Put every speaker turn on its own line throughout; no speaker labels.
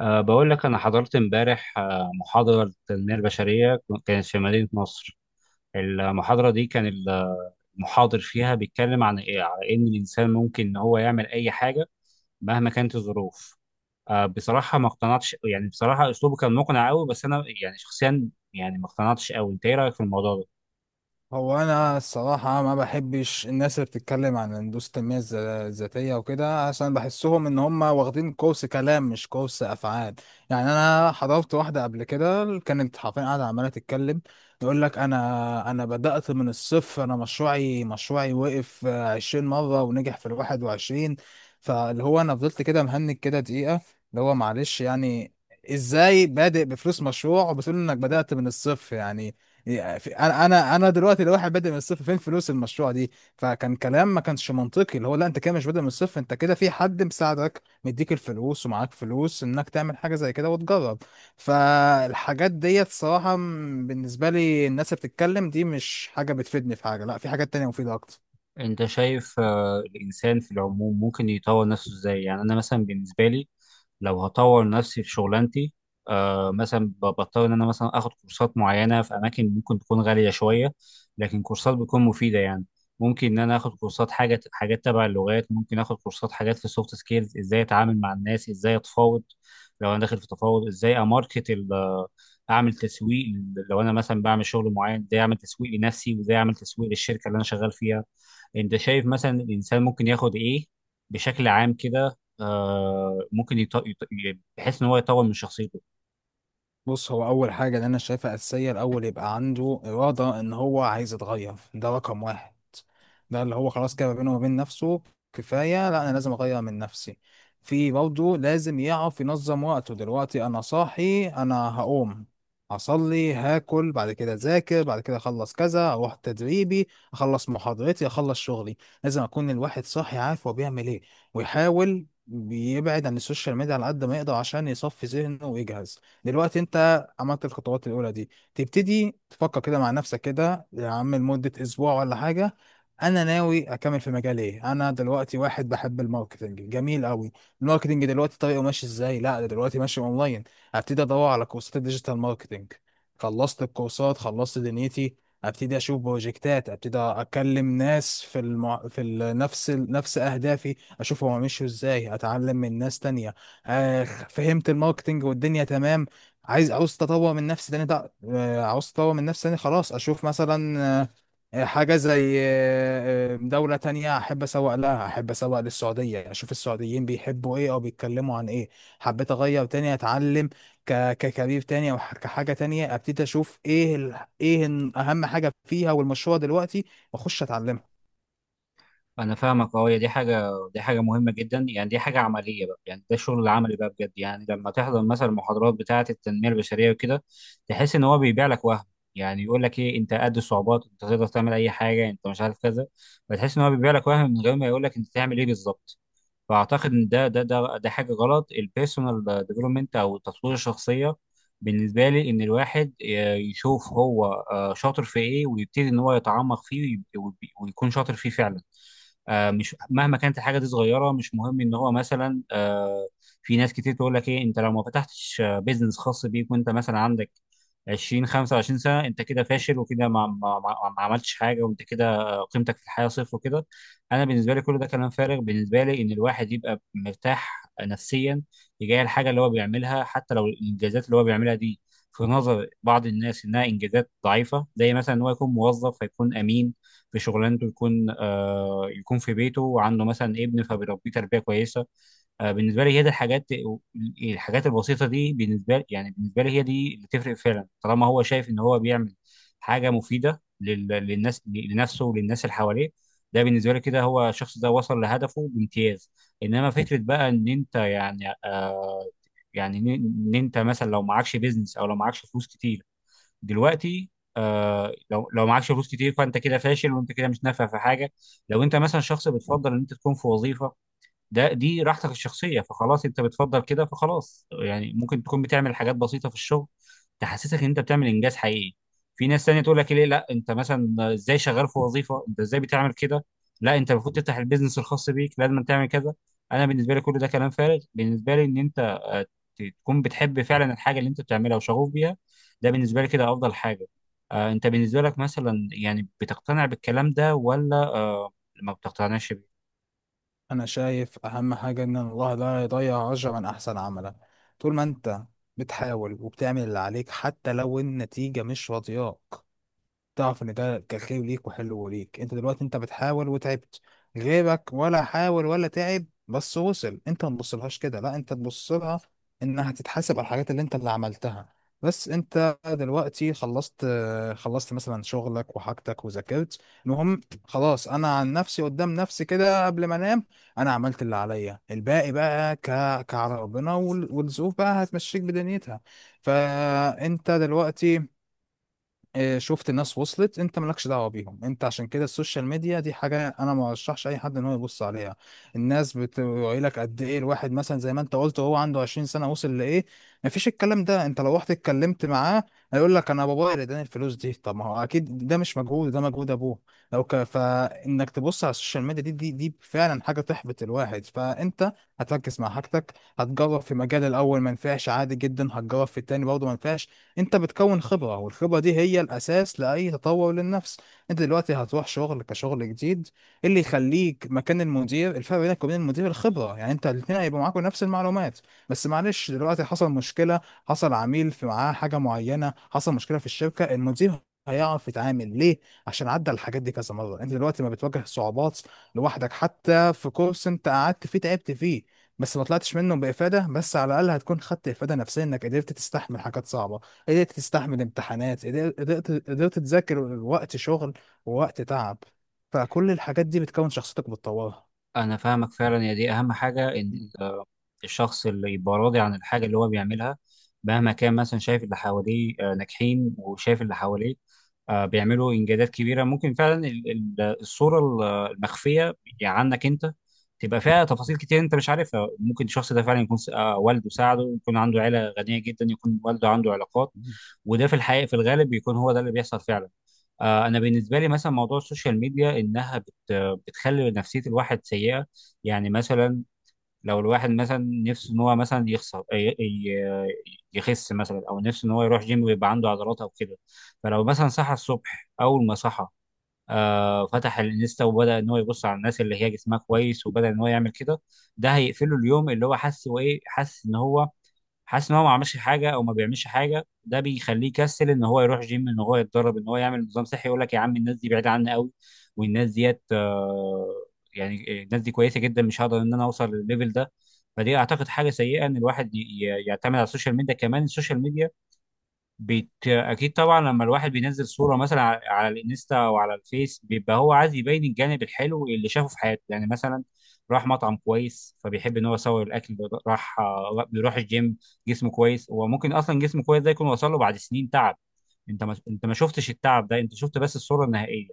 بقول لك أنا حضرت امبارح، محاضرة للتنمية البشرية، كانت في مدينة نصر. المحاضرة دي المحاضر فيها بيتكلم عن إيه؟ على إن الإنسان ممكن إن هو يعمل أي حاجة مهما كانت الظروف. بصراحة ما اقتنعتش، يعني بصراحة أسلوبه كان مقنع أوي، بس أنا يعني شخصيا يعني ما اقتنعتش أوي. أنت إيه رأيك في الموضوع ده؟
هو انا الصراحه ما بحبش الناس اللي بتتكلم عن هندسه التنميه الذاتيه وكده عشان بحسهم ان هم واخدين كورس كلام مش كورس افعال. يعني انا حضرت واحده قبل كده، كانت حرفيا قاعده عماله تتكلم، يقول لك انا بدات من الصفر، انا مشروعي مشروعي وقف 20 مره ونجح في الواحد وعشرين. فاللي هو انا فضلت كده مهنج كده دقيقه، اللي هو معلش يعني، ازاي بادئ بفلوس مشروع وبتقول انك بدات من الصفر؟ يعني انا دلوقتي لو واحد بادئ من الصفر فين فلوس المشروع دي؟ فكان كلام ما كانش منطقي، اللي هو لا انت كده مش بادئ من الصفر، انت كده في حد مساعدك مديك الفلوس ومعاك فلوس انك تعمل حاجه زي كده وتجرب. فالحاجات ديت صراحه بالنسبه لي الناس اللي بتتكلم دي مش حاجه بتفيدني في حاجه، لا في حاجات تانية مفيده اكتر.
أنت شايف الإنسان في العموم ممكن يطور نفسه إزاي؟ يعني أنا مثلا بالنسبة لي، لو هطور نفسي في شغلانتي، مثلا بضطر ان انا مثلا اخد كورسات معينه في اماكن ممكن تكون غاليه شويه، لكن كورسات بتكون مفيده يعني. ممكن ان انا اخد كورسات حاجه، حاجات تبع اللغات، ممكن اخد كورسات حاجات في السوفت سكيلز، ازاي اتعامل مع الناس، ازاي اتفاوض. لو انا داخل في تفاوض، ازاي اعمل تسويق. لو انا مثلا بعمل شغل معين، ازاي اعمل تسويق لنفسي وازاي اعمل تسويق للشركه اللي انا شغال فيها. انت شايف مثلا الانسان ممكن ياخد ايه بشكل عام كده، بحيث ان هو يطور من شخصيته.
بص، هو اول حاجه اللي انا شايفها اساسيه، الاول يبقى عنده اراده ان هو عايز يتغير، ده رقم واحد. ده اللي هو خلاص كده ما بينه وبين نفسه، كفايه لا انا لازم اغير من نفسي. في برضه لازم يعرف ينظم وقته، دلوقتي انا صاحي انا هقوم هصلي هاكل بعد كده اذاكر بعد كده اخلص كذا اروح تدريبي اخلص محاضرتي اخلص شغلي. لازم اكون الواحد صاحي عارف هو بيعمل ايه، ويحاول بيبعد عن السوشيال ميديا على قد ما يقدر عشان يصفي ذهنه ويجهز. دلوقتي انت عملت الخطوات الاولى دي، تبتدي تفكر كده مع نفسك كده يا عم لمده اسبوع ولا حاجه، انا ناوي اكمل في مجال ايه. انا دلوقتي واحد بحب الماركتنج جميل قوي، الماركتنج دلوقتي طريقه ماشي ازاي؟ لا ده دلوقتي ماشي اونلاين، هبتدي ادور على كورسات الديجيتال ماركتنج. خلصت الكورسات خلصت دنيتي، ابتدي اشوف بروجكتات، ابتدي اكلم ناس في المع... في ال- نفس ال... نفس اهدافي، اشوف هما مشوا ازاي، اتعلم من ناس تانية. آه فهمت الماركتنج والدنيا تمام. عاوز تطور من نفسي تاني، ده عاوز تطور من نفسي تاني، خلاص اشوف مثلا حاجة زي دولة تانية احب اسوق لها، احب اسوق للسعودية، اشوف السعوديين بيحبوا ايه او بيتكلموا عن ايه. حبيت اغير تاني، اتعلم ككارير تاني، او كحاجة تانية، ابتدي اشوف ايه اهم حاجة فيها والمشروع دلوقتي، واخش اتعلمها.
انا فاهمك، اه هي دي حاجه، دي حاجه مهمه جدا يعني، دي حاجه عمليه بقى، يعني ده الشغل العملي بقى بجد. يعني لما تحضر مثلا المحاضرات بتاعه التنميه البشريه وكده، تحس ان هو بيبيع لك وهم. يعني يقول لك ايه، انت قد الصعوبات، انت تقدر تعمل اي حاجه، انت مش عارف كذا. فتحس ان هو بيبيع لك وهم من غير ما يقول لك انت تعمل ايه بالظبط. فاعتقد ان ده حاجه غلط. البيرسونال ديفلوبمنت او التطوير الشخصيه بالنسبه لي ان الواحد يشوف هو شاطر في ايه، ويبتدي ان هو يتعمق فيه ويكون شاطر فيه فعلا. مش مهما كانت الحاجه دي صغيره، مش مهم. ان هو مثلا في ناس كتير تقول لك ايه، انت لو ما فتحتش بيزنس خاص بيك وانت مثلا عندك 20 25 سنه، انت كده فاشل، وكده ما عملتش حاجه، وانت كده قيمتك في الحياه صفر وكده. انا بالنسبه لي كل ده كلام فارغ. بالنسبه لي ان الواحد يبقى مرتاح نفسيا تجاه الحاجه اللي هو بيعملها، حتى لو الانجازات اللي هو بيعملها دي في نظر بعض الناس انها انجازات ضعيفه، زي مثلا ان هو يكون موظف فيكون امين في شغلانته، يكون آه يكون في بيته وعنده مثلا ابن فبيربيه تربيه كويسه. بالنسبه لي هي دي الحاجات، الحاجات البسيطه دي بالنسبه لي، يعني بالنسبه لي هي دي اللي تفرق فعلا، طالما هو شايف ان هو بيعمل حاجه مفيده للناس، لنفسه وللناس اللي حواليه. ده بالنسبه لي كده هو الشخص ده وصل لهدفه بامتياز. انما فكره بقى ان انت يعني يعني ان إن انت مثلا لو معكش بيزنس او لو معكش فلوس كتير دلوقتي، لو لو معكش فلوس كتير فانت كده فاشل وانت كده مش نافع في حاجه. لو انت مثلا شخص بتفضل ان انت تكون في وظيفه، ده دي راحتك الشخصيه، فخلاص انت بتفضل كده، فخلاص يعني ممكن تكون بتعمل حاجات بسيطه في الشغل تحسسك ان انت بتعمل انجاز حقيقي. في ناس تانية تقول لك ليه، لا انت مثلا ازاي شغال في وظيفه، انت ازاي بتعمل كده، لا انت المفروض تفتح البيزنس الخاص بيك، لازم تعمل كذا. انا بالنسبه لي كل ده كلام فارغ. بالنسبه لي ان انت تكون بتحب فعلا الحاجه اللي انت بتعملها وشغوف بيها، ده بالنسبه لي كده افضل حاجه. انت بالنسبه لك مثلا يعني بتقتنع بالكلام ده ولا ما بتقتنعش بيه؟
انا شايف اهم حاجه ان الله لا يضيع اجرا من احسن عملا. طول ما انت بتحاول وبتعمل اللي عليك حتى لو النتيجه مش راضياك، تعرف ان ده كان خير ليك وحلو ليك. انت دلوقتي انت بتحاول وتعبت، غيرك ولا حاول ولا تعب بس وصل، انت ما تبصلهاش كده، لا انت تبص لها انها تتحاسب على الحاجات اللي انت اللي عملتها. بس انت دلوقتي خلصت خلصت مثلا شغلك وحاجتك وذاكرت المهم، خلاص انا عن نفسي قدام نفسي كده قبل ما انام انا عملت اللي عليا، الباقي بقى كعلى ربنا والظروف بقى هتمشيك بدنيتها. فانت دلوقتي شفت ناس وصلت، انت مالكش دعوه بيهم. انت عشان كده السوشيال ميديا دي حاجه انا ما ارشحش اي حد ان هو يبص عليها. الناس بتقول لك قد ايه الواحد مثلا زي ما انت قلت هو عنده 20 سنه وصل لايه. مفيش الكلام ده، انت لو رحت اتكلمت معاه هيقول لك انا بابايا اللي اداني الفلوس دي. طب ما هو اكيد ده مش مجهود، ده مجهود ابوه. فانك تبص على السوشيال ميديا دي فعلا حاجه تحبط الواحد. فانت هتركز مع حاجتك، هتجرب في مجال الاول ما نفعش عادي جدا، هتجرب في التاني برضه ما نفعش. انت بتكون خبرة، والخبرة دي هي الاساس لاي تطور للنفس. انت دلوقتي هتروح شغل كشغل جديد، إيه اللي يخليك مكان المدير؟ الفرق بينك وبين المدير الخبرة. يعني انت الاثنين هيبقوا معاكوا نفس المعلومات، بس معلش دلوقتي حصل مشكلة، حصل عميل في معاه حاجة معينة، حصل مشكلة في الشركة، المدير هيعرف يتعامل ليه؟ عشان عدى الحاجات دي كذا مرة. انت دلوقتي ما بتواجه صعوبات لوحدك، حتى في كورس انت قعدت فيه تعبت فيه بس ما طلعتش منه بإفادة، بس على الأقل هتكون خدت إفادة نفسية انك قدرت تستحمل حاجات صعبة، قدرت تستحمل امتحانات، قدرت تذاكر وقت شغل ووقت تعب. فكل الحاجات دي بتكون شخصيتك بتطورها.
انا فاهمك فعلا، يا دي اهم حاجه، ان ال- الشخص اللي يبقى راضي عن الحاجه اللي هو بيعملها، مهما كان مثلا شايف اللي حواليه ناجحين وشايف اللي حواليه بيعملوا انجازات كبيره. ممكن فعلا الصوره المخفيه يعني عنك انت تبقى فيها تفاصيل كتير انت مش عارفها. ممكن الشخص ده فعلا يكون والده ساعده، يكون عنده عيله غنيه جدا، يكون والده عنده علاقات، وده في الحقيقه في الغالب بيكون هو ده اللي بيحصل فعلا. انا بالنسبه لي مثلا موضوع السوشيال ميديا، انها بتخلي نفسيه الواحد سيئه. يعني مثلا لو الواحد مثلا نفسه ان هو مثلا يخس مثلا، او نفسه ان هو يروح جيم ويبقى عنده عضلات او كده، فلو مثلا صحى الصبح، اول ما صحى فتح الانستا وبدا ان هو يبص على الناس اللي هي جسمها كويس وبدا ان هو يعمل كده، ده هيقفله اليوم. اللي هو حس وايه، حس ان هو حاسس ان هو ما عملش حاجه او ما بيعملش حاجه، ده بيخليه يكسل ان هو يروح جيم، ان هو يتدرب، ان هو يعمل نظام صحي. يقول لك يا عم الناس دي بعيده عني قوي، والناس ديت يعني الناس دي كويسه جدا، مش هقدر ان انا اوصل للليفل ده. فدي اعتقد حاجه سيئه، ان الواحد يعتمد على السوشيال ميديا. كمان السوشيال ميديا اكيد طبعا لما الواحد بينزل صوره مثلا على الانستا او على الفيس، بيبقى هو عايز يبين الجانب الحلو اللي شافه في حياته. يعني مثلا راح مطعم كويس، فبيحب ان هو يصور الاكل ده. راح، بيروح الجيم، جسمه كويس. وممكن اصلا جسمه كويس ده يكون وصل له بعد سنين تعب، انت ما شفتش التعب ده، انت شفت بس الصوره النهائيه.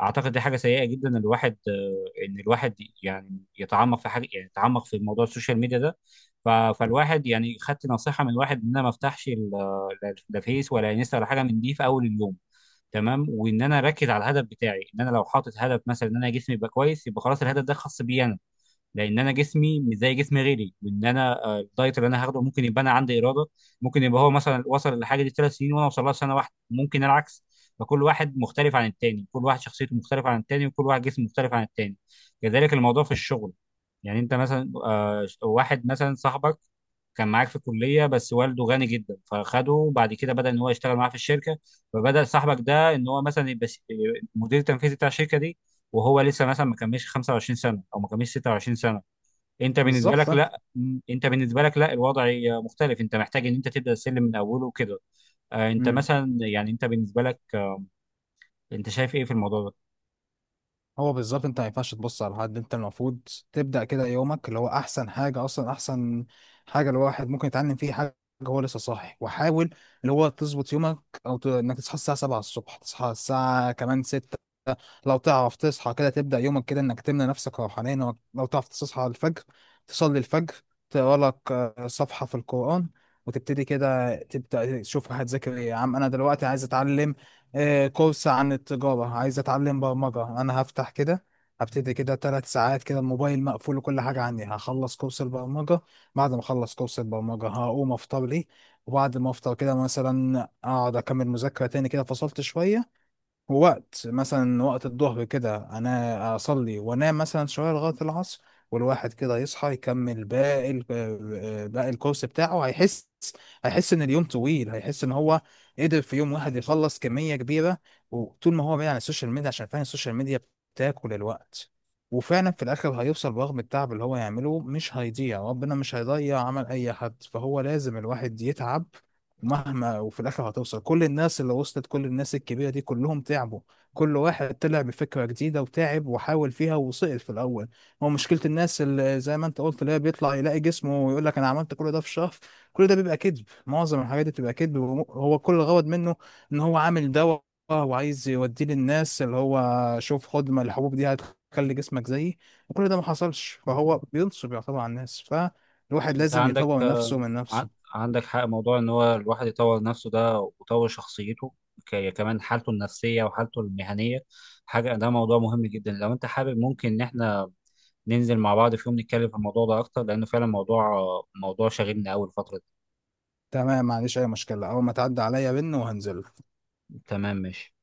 اعتقد دي حاجه سيئه جدا، ان الواحد ان الواحد يعني يتعمق في حاجه، يعني يتعمق في موضوع السوشيال ميديا ده. فالواحد يعني خدت نصيحه من واحد ان انا ما افتحش لا فيس ولا انستا ولا حاجه من دي في اول اليوم، تمام، وان انا اركز على الهدف بتاعي. ان انا لو حاطط هدف مثلا ان انا جسمي يبقى كويس، يبقى خلاص الهدف ده خاص بيا انا، لان انا جسمي مش زي جسم غيري. وان انا الدايت اللي انا هاخده ممكن يبقى انا عندي اراده، ممكن يبقى هو مثلا وصل للحاجه دي 3 سنين وانا اوصل لها في سنه واحده، ممكن العكس. فكل واحد مختلف عن التاني، كل واحد شخصيته مختلفه عن التاني، وكل واحد جسمه مختلف عن التاني. كذلك الموضوع في الشغل. يعني انت مثلا واحد مثلا صاحبك كان معاك في الكليه، بس والده غني جدا فخده بعد كده بدا ان هو يشتغل معاه في الشركه، فبدا صاحبك ده ان هو مثلا يبقى المدير التنفيذي بتاع الشركه دي، وهو لسه مثلا ما كملش 25 سنه او ما كملش 26 سنه. انت بالنسبه
بالظبط
لك بس
فانت.
لا، انت بالنسبه لك لا، الوضع مختلف، انت محتاج ان انت تبدا السلم من اوله وكده. انت
مم.
مثلا يعني انت بالنسبه لك، انت شايف ايه في الموضوع ده؟
هو بالظبط انت ما ينفعش تبص على حد، انت المفروض تبدأ كده يومك. اللي هو احسن حاجة، اصلا احسن حاجة الواحد ممكن يتعلم فيه حاجة هو لسه صاحي وحاول، اللي هو تظبط يومك، انك تصحى الساعة 7 الصبح، تصحى الساعة كمان 6. لو تعرف تصحى كده تبدأ يومك كده انك تمنى نفسك روحانيا، لو لو تعرف تصحى الفجر تصلي الفجر، تقرا لك صفحة في القرآن. وتبتدي كده تبدأ تشوف هتذاكر ايه؟ يا عم انا دلوقتي عايز اتعلم كورس عن التجارة، عايز أتعلم برمجة. أنا هفتح كده هبتدي كده تلات ساعات كده الموبايل مقفول وكل حاجة عندي، هخلص كورس البرمجة. بعد ما أخلص كورس البرمجة هقوم أفطر لي، وبعد ما أفطر كده مثلا أقعد أكمل مذاكرة تاني كده، فصلت شوية وقت مثلا، وقت الظهر كده انا اصلي وانام مثلا شويه لغايه العصر. والواحد كده يصحى يكمل باقي باقي الكورس بتاعه. هيحس، هيحس ان اليوم طويل، هيحس ان هو قدر في يوم واحد يخلص كميه كبيره. وطول ما هو بعيد عن السوشيال ميديا، عشان فعلا السوشيال ميديا بتاكل الوقت. وفعلا في الاخر هيوصل، برغم التعب اللي هو يعمله مش هيضيع، ربنا مش هيضيع عمل اي حد، فهو لازم الواحد يتعب مهما، وفي الاخر هتوصل. كل الناس اللي وصلت، كل الناس الكبيره دي، كلهم تعبوا، كل واحد طلع بفكره جديده وتعب وحاول فيها وسقط في الاول. هو مشكله الناس اللي زي ما انت قلت اللي هي بيطلع يلاقي جسمه ويقول لك انا عملت كل ده في شهر، كل ده بيبقى كذب. معظم الحاجات دي بتبقى كذب، هو كل الغرض منه ان هو عامل دواء وعايز يوديه للناس، اللي هو شوف خد ما الحبوب دي هتخلي جسمك زيي، وكل ده ما حصلش، فهو بينصب يعتبر على الناس. فالواحد
انت
لازم
عندك
يطور نفسه من
ع-
نفسه.
عندك حق. موضوع ان هو الواحد يطور نفسه ده ويطور شخصيته، كمان حالته النفسية وحالته المهنية، حاجة. ده موضوع مهم جدا، لو انت حابب ممكن ان احنا ننزل مع بعض في يوم نتكلم في الموضوع ده اكتر، لانه فعلا موضوع موضوع شاغلني اول فترة.
تمام ما عنديش اي مشكله، اول ما تعدي عليا بن وهنزله.
تمام ماشي.